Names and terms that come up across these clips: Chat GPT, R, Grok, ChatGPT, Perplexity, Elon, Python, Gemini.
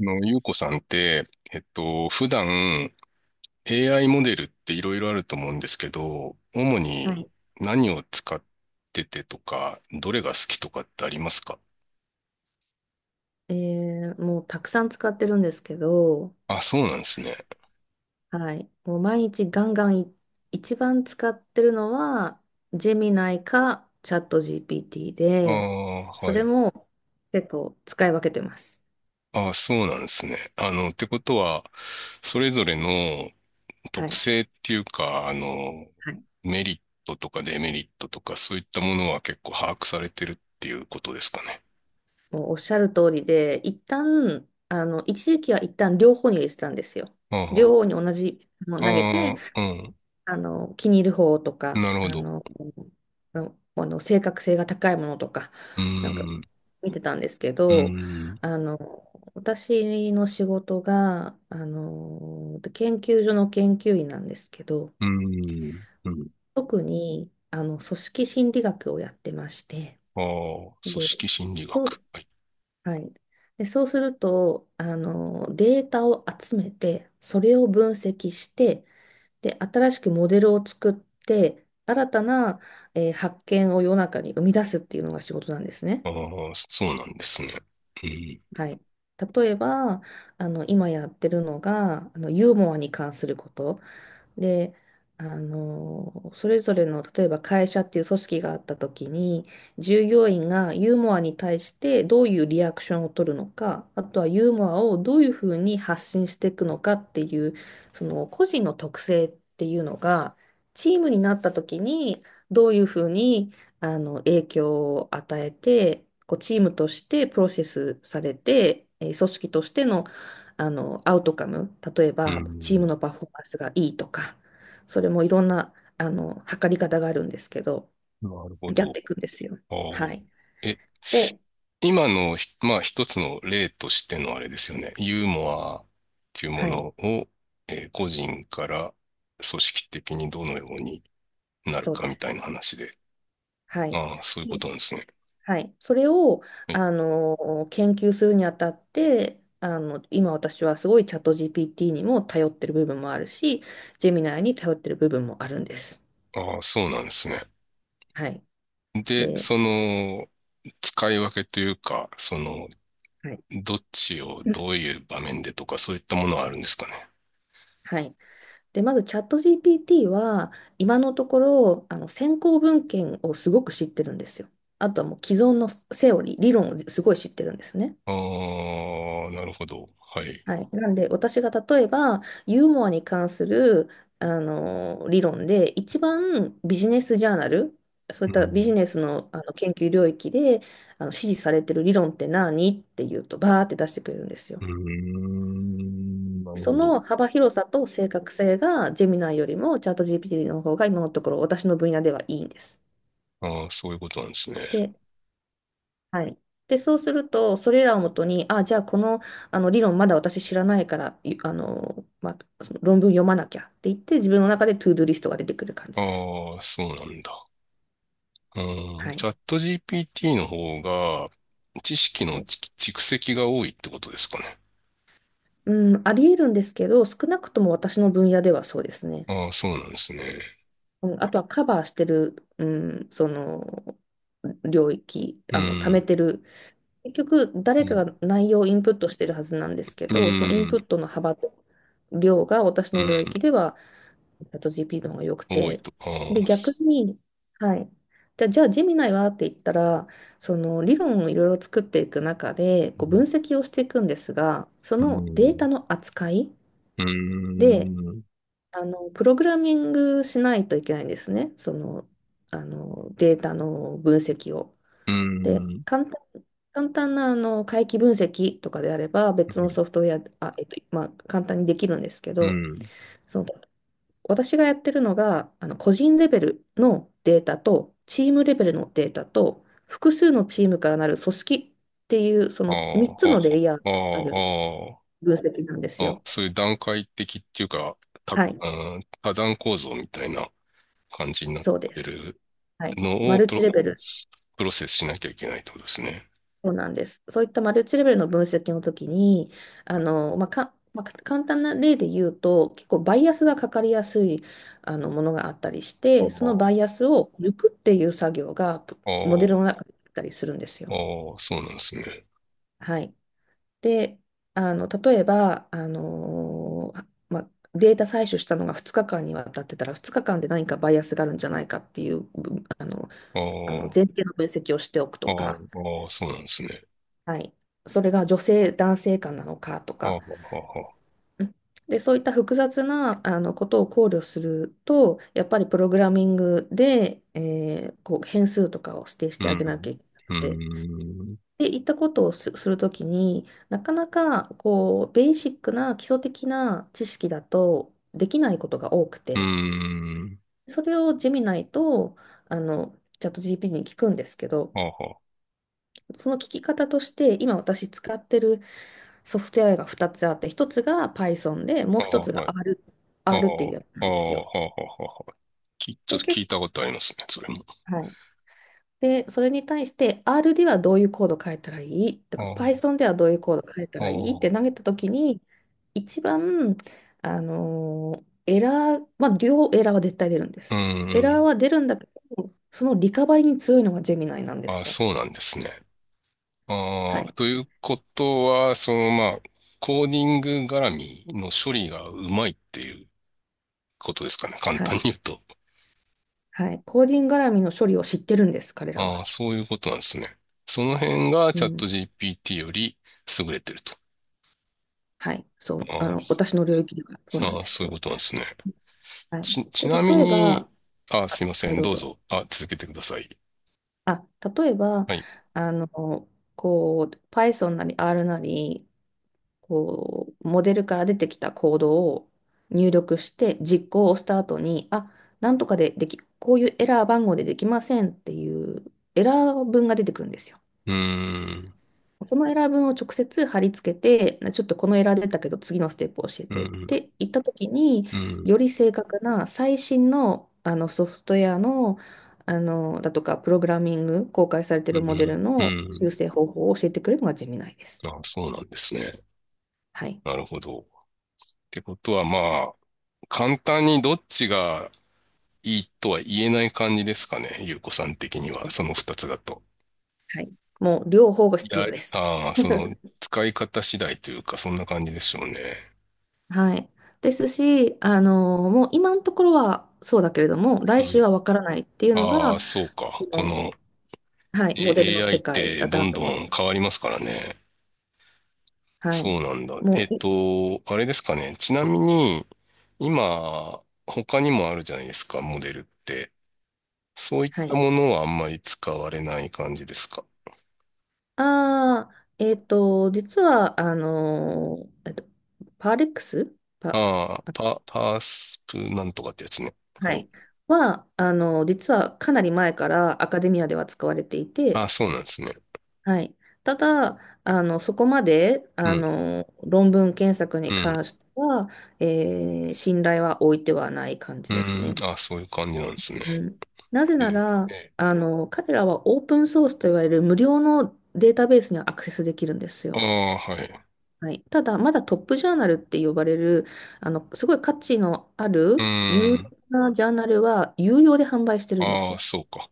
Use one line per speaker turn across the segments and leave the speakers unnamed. ゆうこさんって、普段 AI モデルっていろいろあると思うんですけど、主
は
に
い。
何を使っててとか、どれが好きとかってありますか？
えもうたくさん使ってるんですけど、
あ、そうなんですね。
はい。もう毎日ガンガン一番使ってるのは、ジェミナイかチャット GPT
あ
で、
あ、
そ
は
れ
い。
も結構使い分けてます。
ああ、そうなんですね。あの、ってことは、それぞれの
は
特
い。
性っていうか、
はい。
メリットとかデメリットとか、そういったものは結構把握されてるっていうことですかね。
もうおっしゃる通りで、一旦、一時期は一旦両方に入れてたんですよ。両
あ
方に同じも
あ、
の投げて、
ああ、うん。
気に入る方とか、
なるほ
あ
ど。
の、のあの正確性が高いものとか、
う
なんか
ーん。
見てたんですけ
う
ど、
ーん、
あの、私の仕事が、研究所の研究員なんですけど、
うーん、うん。
特に、組織心理学をやってまして、
ああ、組
で、
織心理
そ
学。
う
はい。
はい。で、そうすると、データを集めて、それを分析して、で、新しくモデルを作って、新たな、発見を世の中に生み出すっていうのが仕事なんですね。
ああ、そうなんですね。うん、
はい。例えば、今やってるのが、ユーモアに関すること。で、それぞれの、例えば会社っていう組織があった時に、従業員がユーモアに対してどういうリアクションを取るのか、あとはユーモアをどういうふうに発信していくのかっていう、その個人の特性っていうのが、チームになった時にどういうふうに影響を与えて、こうチームとしてプロセスされて、組織としてのアウトカム、例え
う
ばチーム
ん、
のパフォーマンスがいいとか、それもいろんな、測り方があるんですけど、
なるほ
やっ
ど。
ていくんですよ。
ああ。
はい。
え、
で、
今のひ、まあ、一つの例としてのあれですよね。ユーモアっていうも
は
の
い、
を、えー個人から組織的にどのようになる
そう
か
で
み
す。
たいな話で。
はい。
ああ、そういう
で
ことなんですね。
はい。それを、
はい。
研究するにあたって、今私はすごいチャット GPT にも頼ってる部分もあるし、ジェミナーに頼ってる部分もあるんです。
ああ、そうなんですね。
はい。
で、
で、
その、使い分けというか、その、
はい。
どっちを
うん
どういう場面でとかそういったものはあるんですかね。
はい。で、まずチャット GPT は今のところ先行文献をすごく知ってるんですよ。あとはもう既存のセオリー、理論をすごい知ってるんですね。
ああ、なるほど。はい。
はい。なんで私が例えばユーモアに関するあの理論で一番ビジネスジャーナル、そうい
う
ったビ
ん。
ジネスの、研究領域で支持されてる理論って何っていうとバーって出してくれるんです
う
よ。
ーん、なる
そ
ほど。
の幅広さと正確性がジェミナイよりもチャット GPT の方が今のところ私の分野ではいいんです。
ああ、そういうことなんですね。
で、はい。で、そうすると、それらをもとに、あ、じゃあこの、あの理論まだ私知らないから、いあの、まあ、その論文読まなきゃって言って、自分の中でトゥードゥリストが出てくる感じです。
ああ、そうなんだ。うん、
は
チ
い。
ャット GPT の方が知識
は
の
い、
ち蓄積が多いってことですかね。
うん、あり得るんですけど、少なくとも私の分野ではそうですね。
ああ、そうなんですね。
うん、あとはカバーしてる、うん、その領域、
う
貯め
ん、
てる結局、
う
誰か
ん、
が内容をインプットしてるはずなんですけ
う
ど、そのインプッ
ん、
トの幅と量が私の領域では、チャット GP の方が良く
うん、多い
て。
と。
で、
ああ、
逆
す、
に、はい。じゃあ、ジェミナイはって言ったら、その理論をいろいろ作っていく中で、
う
こう分
ん、
析をしていくんですが、そ
う
のデー
ん、
タの扱い
う
で、
ん、
プログラミングしないといけないんですね。その、データの分析を。
う
で、
ん、
簡単な回帰分析とかであれば別
うん
のソフトウェア、まあ、簡単にできるんですけ
う
ど、
ん。
その私がやってるのが個人レベルのデータとチームレベルのデータと複数のチームからなる組織っていうそ
あ
の
あ、
3
は
つのレイヤーが
あ、
ある
はあ、
分析なんです
ああ、ああ、あ、
よ。
そういう段階的っていうか、
はい、
うん、多段構造みたいな感じになっ
そうで
て
す。
る
はい。
の
マ
を
ルチレベル
プロセスしなきゃいけないってことですね。
そうなんです。そういったマルチレベルの分析の時に、まあ、簡単な例で言うと、結構バイアスがかかりやすいものがあったりし
あ
て、その
あ、
バイアスを抜くっていう作業がプモデルの
あ
中であったりするんです
あ、
よ。
ああ、そうなんですね。
はい。で、例えば、データ採取したのが2日間にわたってたら、2日間で何かバイアスがあるんじゃないかっていう、ぶあの、
あ
あの前
あ、
提の分析をしておく
あ
と
あ、
か、
ああ、そうなんですね。
はい、それが女性、男性間なのかと
ああ、
か、
はあ、はあ、
うんで、そういった複雑なことを考慮すると、やっぱりプログラミングで、こう変数とかを指定し
う
てあげなき
ん、
ゃいけな
う
くて、
ん、
で、いったことをするときになかなかこうベーシックな基礎的な知識だとできないことが多く
う
て、
ん、
それをジェミナイとあのチャット GPT に聞くんですけど、
ああ、は
その聞き方として今私使ってるソフトウェアが2つあって、1つが Python で、も
あ、
う
あ
1
あ、
つ
は
が
い。
R、
ああ、
R っていうやつな
あ
んです
あ、
よ。
はあ、はあ、はあ、き、ちょっ
で、
と聞いたことありますね、それも。
はい。で、それに対して R ではどういうコード変えたらいいとか
ああ、
Python ではどういうコード変えた
あ
らいいって投
あ、
げたときに、一番、エラー、まあ、両エラーは絶対出るんで
う
す。
んう
エラー
ん。
は出るんだけど、そのリカバリに強いのがジェミナイなんで
あ
す
あ、
よ。
そうなんですね。
は
ああ、
い。
ということは、その、まあ、コーディング絡みの処理がうまいっていうことですかね。簡
は
単に
い。
言うと。
はい。コーディング絡みの処理を知ってるんです、彼ら
ああ、
は。
そういうことなんですね。その辺が
う
チャット
ん。
GPT より優れてると。
はい、そう、
ああ、す、
私の領域ではそうなん
あ
で
あ、
す
そういう
よ。
ことなんですね。
はい。
ち
で、
なみ
例え
に、
ば、
あ、すいま
は
せ
い、
ん。
どう
どう
ぞ。
ぞ。あ、続けてください。
あ、例えば、
はい。
あの、こう、Python なり R なり、こう、モデルから出てきたコードを入力して、実行をした後に、なんとかででき、こういうエラー番号でできませんっていうエラー文が出てくるんですよ。
うーん、
そのエラー文を直接貼り付けて、ちょっとこのエラー出たけど次のステップを教え
う
てっ
ん、
て言った時に、
うん、
より正確な最新の、ソフトウェアの、だとか、プログラミング、公開されてい
う
るモデ
ん、
ル
う
の
ん。
修正方法を教えてくれるのがジェミナイです。
あ、そうなんですね。
はい。
なるほど。ってことはまあ、簡単にどっちがいいとは言えない感じですかね、ゆうこさん的には、その二つだと。
はい。もう両方が
い
必
や、
要です。
ああ、その、使い方次第というか、そんな感じでしょうね。
はい。ですし、もう今のところはそうだけれども、
う
来
ん。
週はわからないっていうの
あ
が、
あ、そう
こ
か。こ
の、
の、
はい、モデルの
AI
世
っ
界
て
だ
ど
な
ん
と
ど
思って
ん
る。
変わりますからね。
は
そ
い。
うなんだ。
もう
あれですかね。ちなみに、今、他にもあるじゃないですか、モデルって。そういっ
は
た
い。
ものはあんまり使われない感じですか？
ああ、実は、ー、えっと、パーレックスパ、
ああ、
あ
パースプなんとかってやつね。
は
はい。
い。は、あのー、実はかなり前からアカデミアでは使われてい
あ
て、
あ、そうなんですね。
はい。ただ、そこまで、
うん、
論文検索
う
に
ん、
関しては、信頼は置いてはない感じ
う
です
ん。
ね。
ああ、そういう感じなんですね。
うん。なぜな
え
ら、
え、
彼らはオープンソースといわれる無料のデータベースにはアクセスできるんです
あ
よ。
あ、はい。
はい、ただ、まだトップジャーナルって呼ばれる、すごい価値のあ
うー
る有料
ん。
なジャーナルは有料で販売してるんです
ああ、
よ。
そうか。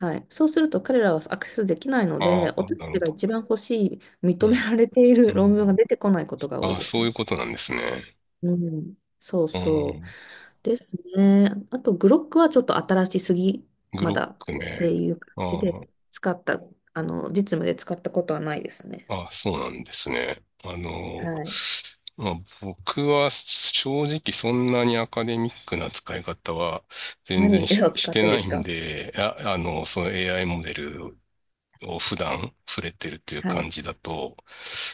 はい、そうすると彼らはアクセスできないの
あ
で、
あ、
私
な
た
るほ
ちが
ど。
一番欲しい、
う
認め
ん、
られている
う
論文が
ん。
出てこないことが多
あ
い
あ、
です
そうい
ね。
うことなんですね。
うん、そう
う
そう。
ん。
ですね。あと、グロックはちょっと新しすぎ、
グ
ま
ロッ
だ
ク
っ
ね。
ていう感じ
ああ。
で、使った、あの、実務で使ったことはないですね。
あ、そうなんですね。
はい。
まあ、僕は正直そんなにアカデミックな使い方は全然
何
し、
を
し
使っ
て
て
な
で
い
す
ん
か？
で、あ、あの、その AI モデルを普段触れてるという
は
感
い。
じだと、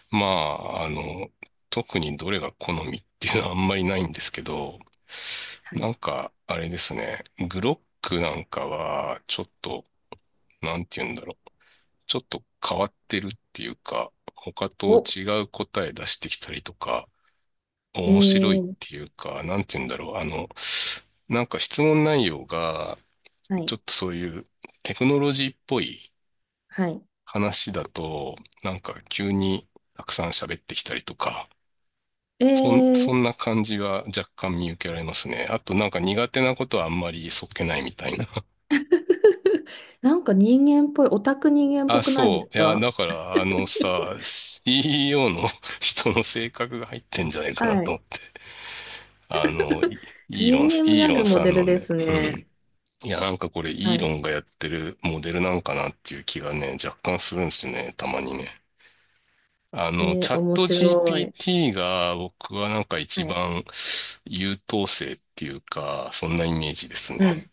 まあ、あの、特にどれが好みっていうのはあんまりないんですけど、
は
な
い
んか、あれですね、グロックなんかはちょっと、なんて言うんだろう。ちょっと変わってるっていうか、他と
お、
違う答え出してきたりとか、
え
面白いっ
ー、
ていうか、なんて言うんだろう。あの、なんか質問内容が、
は
ち
い、
ょっとそういうテクノロジーっぽい
はい。
話だと、なんか急にたくさん喋ってきたりとか、
え
そん
ー、
な感じが若干見受けられますね。あとなんか苦手なことはあんまりそっけないみたいな。
なんか人間っぽい、オタク人間っ
あ、
ぽくないです
そう。いや、
か？
だから、あのさ、CEO の 人の性格が入ってんじゃないかな
は
と
い。
思って。あの、イ
人間味
ー
あ
ロ
る
ン
モ
さ
デ
ん
ル
の
で
ね、
す
うん。
ね。
いや、なんかこれ、イー
は
ロ
い。
ンがやってるモデルなんかなっていう気がね、若干するんですね、たまにね。あ
え
の、チャッ
面
ト
白い。
GPT が僕はなんか
は
一
い。
番優等生っていうか、そんなイメージです
うん。
ね。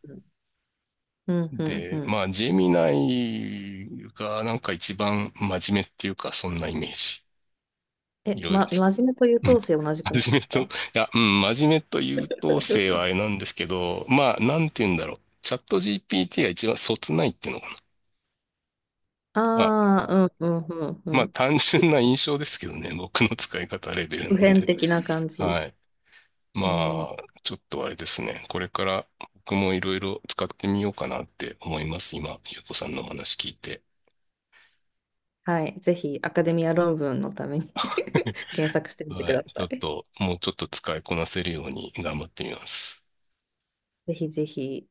うん、うん、う
で、
ん。
まあ、ジェミナイがなんか一番真面目っていうか、そんなイメージ。いろいろ、
真面目と優
うん、
等 生同じくない
真面目
です
と、い
か？
や、うん、真面目と優等生は あれなんですけど、まあ、なんて言うんだろう。チャット GPT が一番そつないっていうのかな。まあ、
ああうん、うん、うん、う
まあ、
ん。
単純な印象ですけどね、僕の使い方レベル
普
なん
遍
で。
的な感じ。
はい。
えー、
まあ、ちょっとあれですね。これから僕もいろいろ使ってみようかなって思います。今、ゆうこさんのお話聞いて。
はい。ぜひ、アカ
は
デ
い。
ミア論文のために 検索してみてく
はい、
だ
ち
さ
ょっ
い。
と、もうちょっと使いこなせるように頑張ってみます。
ぜひぜひ。